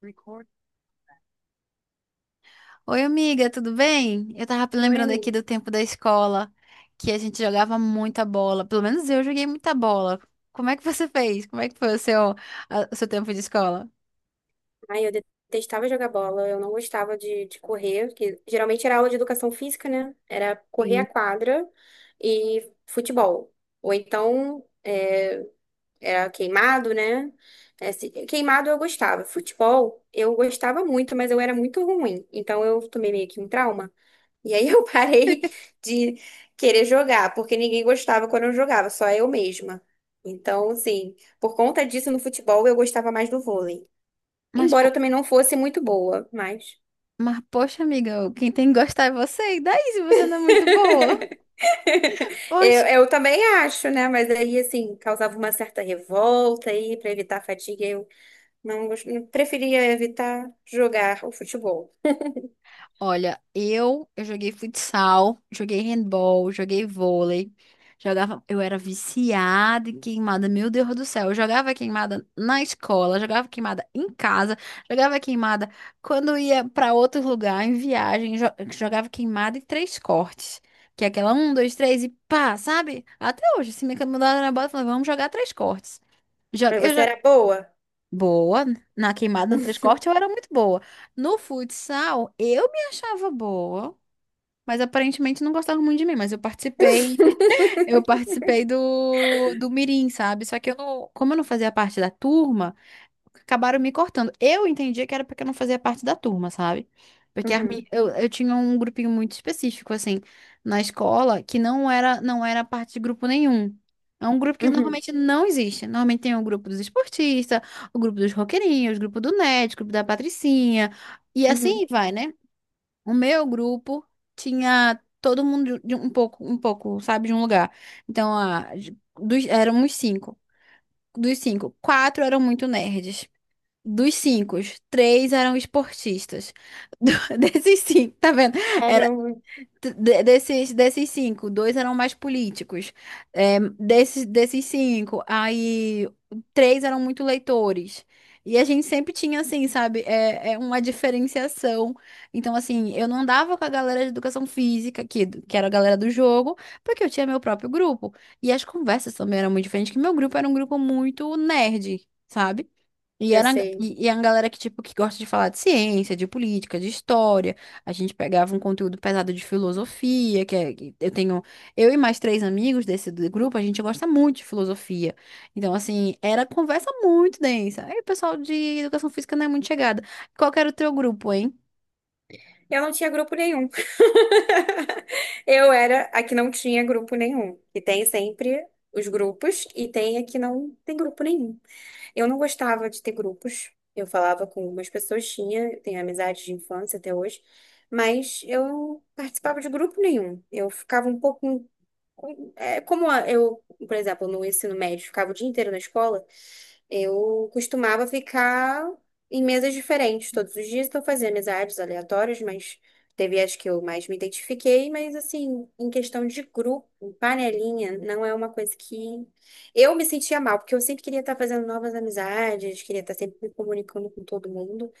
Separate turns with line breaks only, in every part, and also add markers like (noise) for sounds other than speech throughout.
Record. Oi, amiga, tudo bem? Eu tava
Oi,
lembrando aqui
amigo.
do tempo da escola, que a gente jogava muita bola. Pelo menos eu joguei muita bola. Como é que você fez? Como é que foi o seu, o seu tempo de escola?
Ai, eu detestava jogar bola, eu não gostava de correr, que geralmente era aula de educação física, né? Era correr a
Sim.
quadra e futebol. Ou então era queimado, né? É, queimado eu gostava. Futebol eu gostava muito, mas eu era muito ruim. Então eu tomei meio que um trauma. E aí (laughs) eu parei de querer jogar, porque ninguém gostava quando eu jogava, só eu mesma. Então, assim, por conta disso no futebol eu gostava mais do vôlei.
Mas,
Embora
po-
eu também não fosse muito boa, mas.
mas, poxa, amiga, quem tem que gostar é você. E daí, se você não é muito boa?
(laughs) Eu,
Poxa.
eu também acho, né? Mas aí, assim, causava uma certa revolta aí, para evitar a fadiga, eu não gos- eu preferia evitar jogar o futebol.
Olha, eu joguei futsal, joguei handball, joguei vôlei, jogava, eu era viciada em queimada, meu Deus do céu, eu jogava queimada na escola, jogava queimada em casa, jogava queimada quando ia para outro lugar, em viagem, jogava queimada em três cortes, que é aquela um, dois, três e pá, sabe? Até hoje, se me mandaram na bola, eu falava, vamos jogar três cortes.
Mas
Eu
você
já...
era boa?
Boa, na queimada no três
(laughs)
cortes eu era muito boa. No futsal, eu me achava boa. Mas aparentemente não gostavam muito de mim, mas eu participei, (laughs) eu participei do Mirim, sabe? Só que eu não, como eu não fazia parte da turma, acabaram me cortando. Eu entendia que era porque eu não fazia parte da turma, sabe? Porque as mi-
Uhum,
eu, eu tinha um grupinho muito específico, assim, na escola, que não era parte de grupo nenhum. É um grupo que
uhum,
normalmente não existe. Normalmente tem o grupo dos esportistas, o grupo dos roqueirinhos, o grupo do nerd, o grupo da patricinha, e
uhum.
assim vai, né? O meu grupo tinha todo mundo de um pouco, sabe, de um lugar. Então, éramos cinco. Dos cinco, quatro eram muito nerds. Dos cinco, três eram esportistas. Do- (laughs) desses cinco, tá vendo?
Caramba,
Desses cinco, dois eram mais políticos. Desses cinco, aí três eram muito leitores. E a gente sempre tinha, assim, sabe, é uma diferenciação. Então, assim, eu não andava com a galera de educação física, que era a galera do jogo, porque eu tinha meu próprio grupo. E as conversas também eram muito diferentes, que meu grupo era um grupo muito nerd, sabe? E
eu
era
sei.
é galera que, tipo, que gosta de falar de ciência, de política, de história. A gente pegava um conteúdo pesado de filosofia, que eu tenho, eu e mais três amigos desse do grupo, a gente gosta muito de filosofia. Então, assim, era conversa muito densa. Aí o pessoal de educação física não é muito chegada. Qual que era o teu grupo, hein?
Eu não tinha grupo nenhum. (laughs) Eu era a que não tinha grupo nenhum. E tem sempre os grupos, e tem a que não tem grupo nenhum. Eu não gostava de ter grupos. Eu falava com algumas pessoas, tinha, tenho amizades de infância até hoje, mas eu não participava de grupo nenhum. Eu ficava um pouco é, como a- eu, por exemplo, no ensino médio ficava o dia inteiro na escola, eu costumava ficar em mesas diferentes todos os dias, então eu fazia amizades aleatórias, mas teve as que eu mais me identifiquei, mas assim, em questão de grupo, panelinha, não é uma coisa que eu me sentia mal, porque eu sempre queria estar fazendo novas amizades, queria estar sempre me comunicando com todo mundo.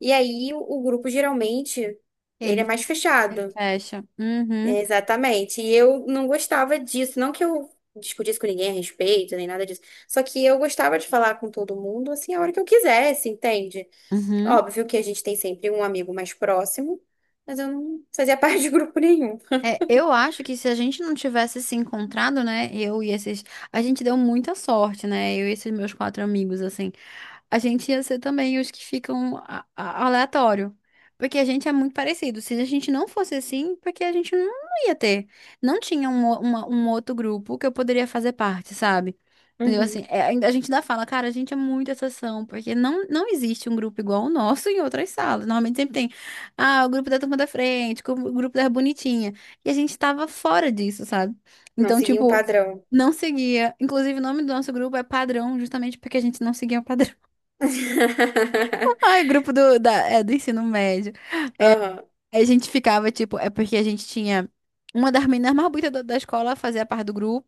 E aí o grupo geralmente ele é
Ele,
mais
ele
fechado.
fecha. Uhum,
Exatamente. E eu não gostava disso. Não que eu discutisse com ninguém a respeito, nem nada disso. Só que eu gostava de falar com todo mundo, assim, a hora que eu quisesse, entende?
uhum.
Óbvio que a gente tem sempre um amigo mais próximo, mas eu não fazia (laughs) parte de grupo nenhum.
É, eu acho que se a gente não tivesse se encontrado, né, eu e esses, a gente deu muita sorte, né, eu e esses meus quatro amigos, assim, a gente ia ser também os que ficam aleatório, porque a gente é muito parecido. Se a gente não fosse assim, porque a gente não ia ter, não tinha um outro grupo que eu poderia fazer parte, sabe? Entendeu? Assim,
Uhum.
a gente ainda fala, cara, a gente é muito exceção, porque não existe um grupo igual o nosso em outras salas. Normalmente sempre tem, ah, o grupo da turma da frente, o grupo da bonitinha. E a gente tava fora disso, sabe?
Não
Então,
seguia um
tipo,
padrão.
não seguia. Inclusive, o nome do nosso grupo é Padrão, justamente porque a gente não seguia o padrão. (laughs) Ai,
(laughs)
grupo do ensino médio.
Aham.
Aí a gente ficava, tipo, é porque a gente tinha uma das meninas mais bonitas da escola fazia parte do grupo.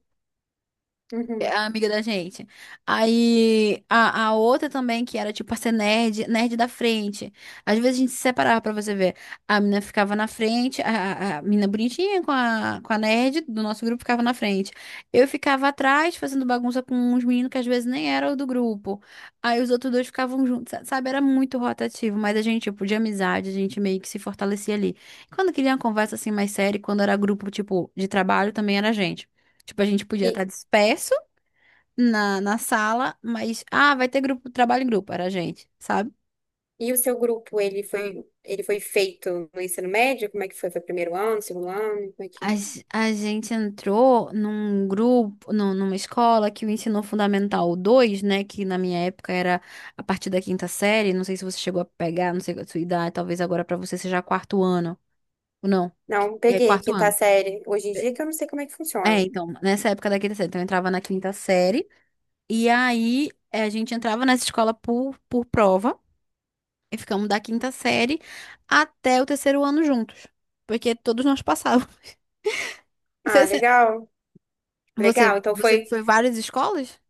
É
Uhum.
a amiga da gente. Aí a outra também, que era tipo a ser nerd da frente. Às vezes a gente se separava pra você ver. A menina ficava na frente, a menina bonitinha com a nerd do nosso grupo ficava na frente. Eu ficava atrás fazendo bagunça com uns meninos que às vezes nem eram do grupo. Aí os outros dois ficavam juntos, sabe? Era muito rotativo, mas a gente, tipo, de amizade, a gente meio que se fortalecia ali. Quando queria uma conversa assim mais séria, e quando era grupo, tipo, de trabalho, também era a gente. Tipo, a gente podia estar
E,
disperso na sala, mas ah, vai ter grupo, trabalho em grupo, era a gente, sabe?
e o seu grupo, ele foi feito no ensino médio? Como é que foi? Foi primeiro ano, segundo ano? Como é que...
A gente entrou num grupo, numa escola que o ensino fundamental 2 né, que na minha época era a partir da quinta série, não sei se você chegou a pegar, não sei a sua idade, talvez agora pra você seja quarto ano, ou não,
Não,
é
peguei
quarto
quinta
ano.
série. Hoje em dia que eu não sei como é que
É,
funciona.
então, nessa época da quinta série, então eu entrava na quinta série, e aí a gente entrava nessa escola por prova. E ficamos da quinta série até o terceiro ano juntos. Porque todos nós passávamos. (laughs) Isso
Ah,
é...
legal.
Você,
Legal. Então
você
foi.
foi várias escolas?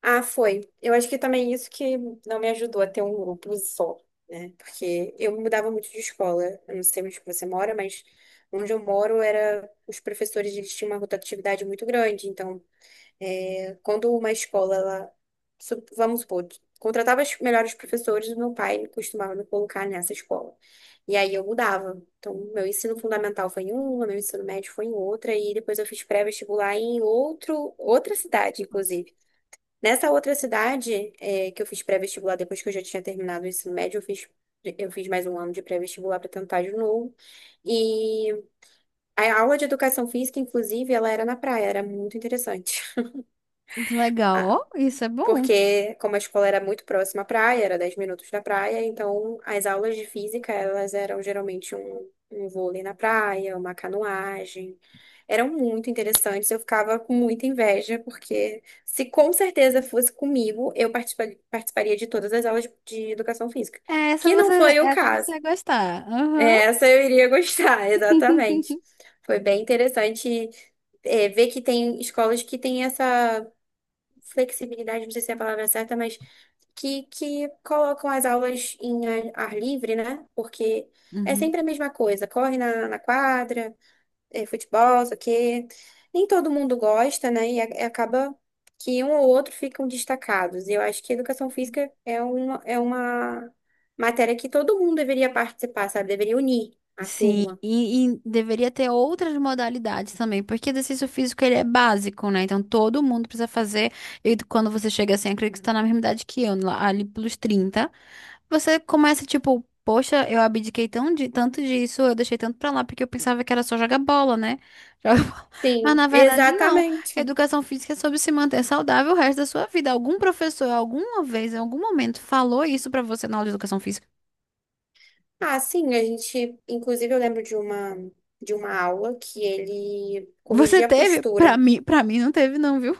Ah, foi. Eu acho que também isso que não me ajudou a ter um grupo só, né? Porque eu mudava muito de escola. Eu não sei onde você mora, mas onde eu moro era os professores eles tinham uma rotatividade muito grande. Então quando uma escola, ela, vamos supor, contratava os melhores professores, meu pai costumava me colocar nessa escola. E aí eu mudava. Então, meu ensino fundamental foi em uma, meu ensino médio foi em outra, e depois eu fiz pré-vestibular em outro, outra cidade,
Nossa.
inclusive. Nessa outra cidade, que eu fiz pré-vestibular depois que eu já tinha terminado o ensino médio, eu fiz, mais um ano de pré-vestibular para tentar de novo. E a aula de educação física, inclusive, ela era na praia, era muito interessante.
Que legal, ó,
(laughs)
isso é bom.
Porque como a escola era muito próxima à praia, era 10 minutos da praia, então as aulas de física, elas eram geralmente um vôlei na praia, uma canoagem. Eram muito interessantes, eu ficava com muita inveja, porque se com certeza fosse comigo, eu participaria de todas as aulas de educação física,
É,
que não foi o
essa
caso.
você vai gostar. Aham.
É, essa eu iria gostar, (laughs)
(laughs)
exatamente. Foi bem interessante ver que tem escolas que têm essa flexibilidade, não sei se é a palavra certa, mas que colocam as aulas em ar livre, né? Porque é
Uhum.
sempre a mesma coisa, corre na quadra, é futebol, isso aqui. Nem todo mundo gosta, né? E acaba que um ou outro ficam destacados. E eu acho que educação física é uma matéria que todo mundo deveria participar, sabe? Deveria unir a
Sim,
turma.
e deveria ter outras modalidades também, porque exercício físico ele é básico, né? Então todo mundo precisa fazer. E quando você chega assim, acredito que você está na mesma idade que eu, lá- ali pelos 30. Você começa tipo, poxa, eu abdiquei tão de, tanto disso, eu deixei tanto pra lá, porque eu pensava que era só jogar bola, né? Joga (laughs) bola. Mas
Sim,
na verdade, não.
exatamente.
Educação física é sobre se manter saudável o resto da sua vida. Algum professor, alguma vez, em algum momento, falou isso pra você na aula de educação física?
Ah, sim, a gente, inclusive eu lembro de uma aula que ele
Você
corrigia a
teve?
postura.
Pra mim não teve, não, viu?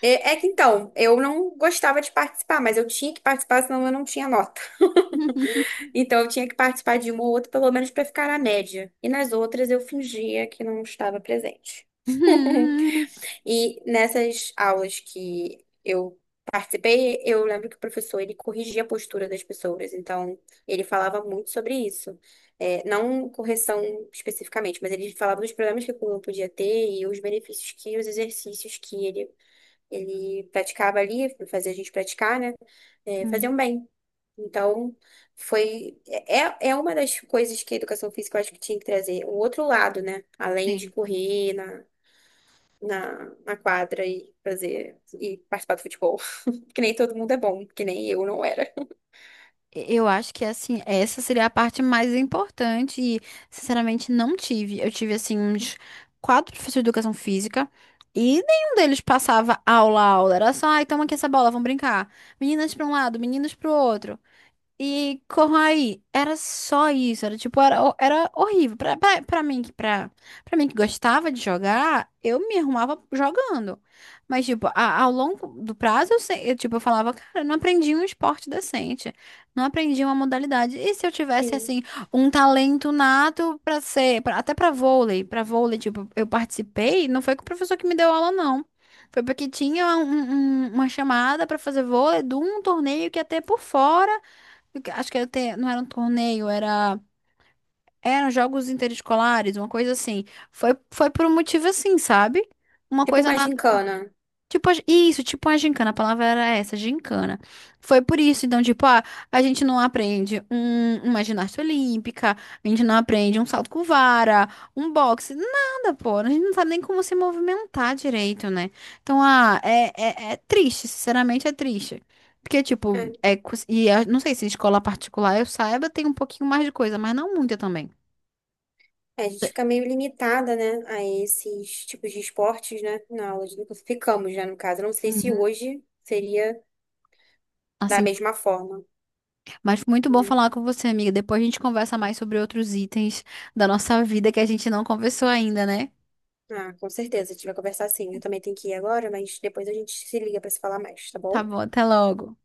É que então, eu não gostava de participar, mas eu tinha que participar, senão eu não tinha nota. (laughs)
(laughs)
Então eu tinha que participar de uma ou outra, pelo menos para ficar na média. E nas outras eu fingia que não estava presente.
Uhum.
(laughs) E nessas aulas que eu participei, eu lembro que o professor ele corrigia a postura das pessoas. Então ele falava muito sobre isso. É, não correção especificamente, mas ele falava dos problemas que o aluno podia ter e os benefícios que os exercícios que ele praticava ali, fazia a gente praticar, né? É, fazer um
Uhum.
bem. Então, foi. É uma das coisas que a educação física eu acho que tinha que trazer. O outro lado, né? Além de
Sim.
correr na, na quadra e fazer. E participar do futebol. (laughs) Que nem todo mundo é bom, que nem eu não era.
Eu acho que assim, essa seria a parte mais importante e, sinceramente, não tive. Eu tive assim uns quatro professores de educação física e nenhum deles passava aula a aula. Era só, ai, toma aqui essa bola, vamos brincar. Meninas para um lado, meninos para o outro. E corrai, era só isso, era tipo, era horrível. Pra mim, pra mim que gostava de jogar, eu me arrumava jogando. Mas, tipo, a- ao longo do prazo, eu falava, cara, eu não aprendi um esporte decente, não aprendi uma modalidade. E se eu tivesse,
Sim.
assim, um talento nato pra ser, até pra vôlei, tipo, eu participei, não foi com o professor que me deu aula, não. Foi porque tinha uma chamada pra fazer vôlei de um torneio que ia ter por fora. Acho que era não era um torneio, eram jogos interescolares, uma coisa assim. Foi, foi por um motivo assim, sabe? Uma
Tipo
coisa...
uma gincana.
Tipo, isso, tipo uma gincana, a palavra era essa, gincana. Foi por isso, então, tipo, ah, a gente não aprende uma ginástica olímpica, a gente não aprende um salto com vara, um boxe, nada, pô. A gente não sabe nem como se movimentar direito, né? Então, ah, é triste, sinceramente é triste. Porque, tipo,
É.
e eu não sei se em escola particular eu saiba, tem um pouquinho mais de coisa, mas não muita também.
A gente fica meio limitada, né, a esses tipos de esportes, né, na aula de educação. Ficamos, né, no caso. Eu não sei se
Uhum.
hoje seria da
Assim.
mesma forma,
Mas foi muito bom
né?
falar com você, amiga. Depois a gente conversa mais sobre outros itens da nossa vida que a gente não conversou ainda, né?
Ah, com certeza, a gente vai conversar sim. Eu também tenho que ir agora, mas depois a gente se liga para se falar mais, tá
Tá
bom?
bom, até logo.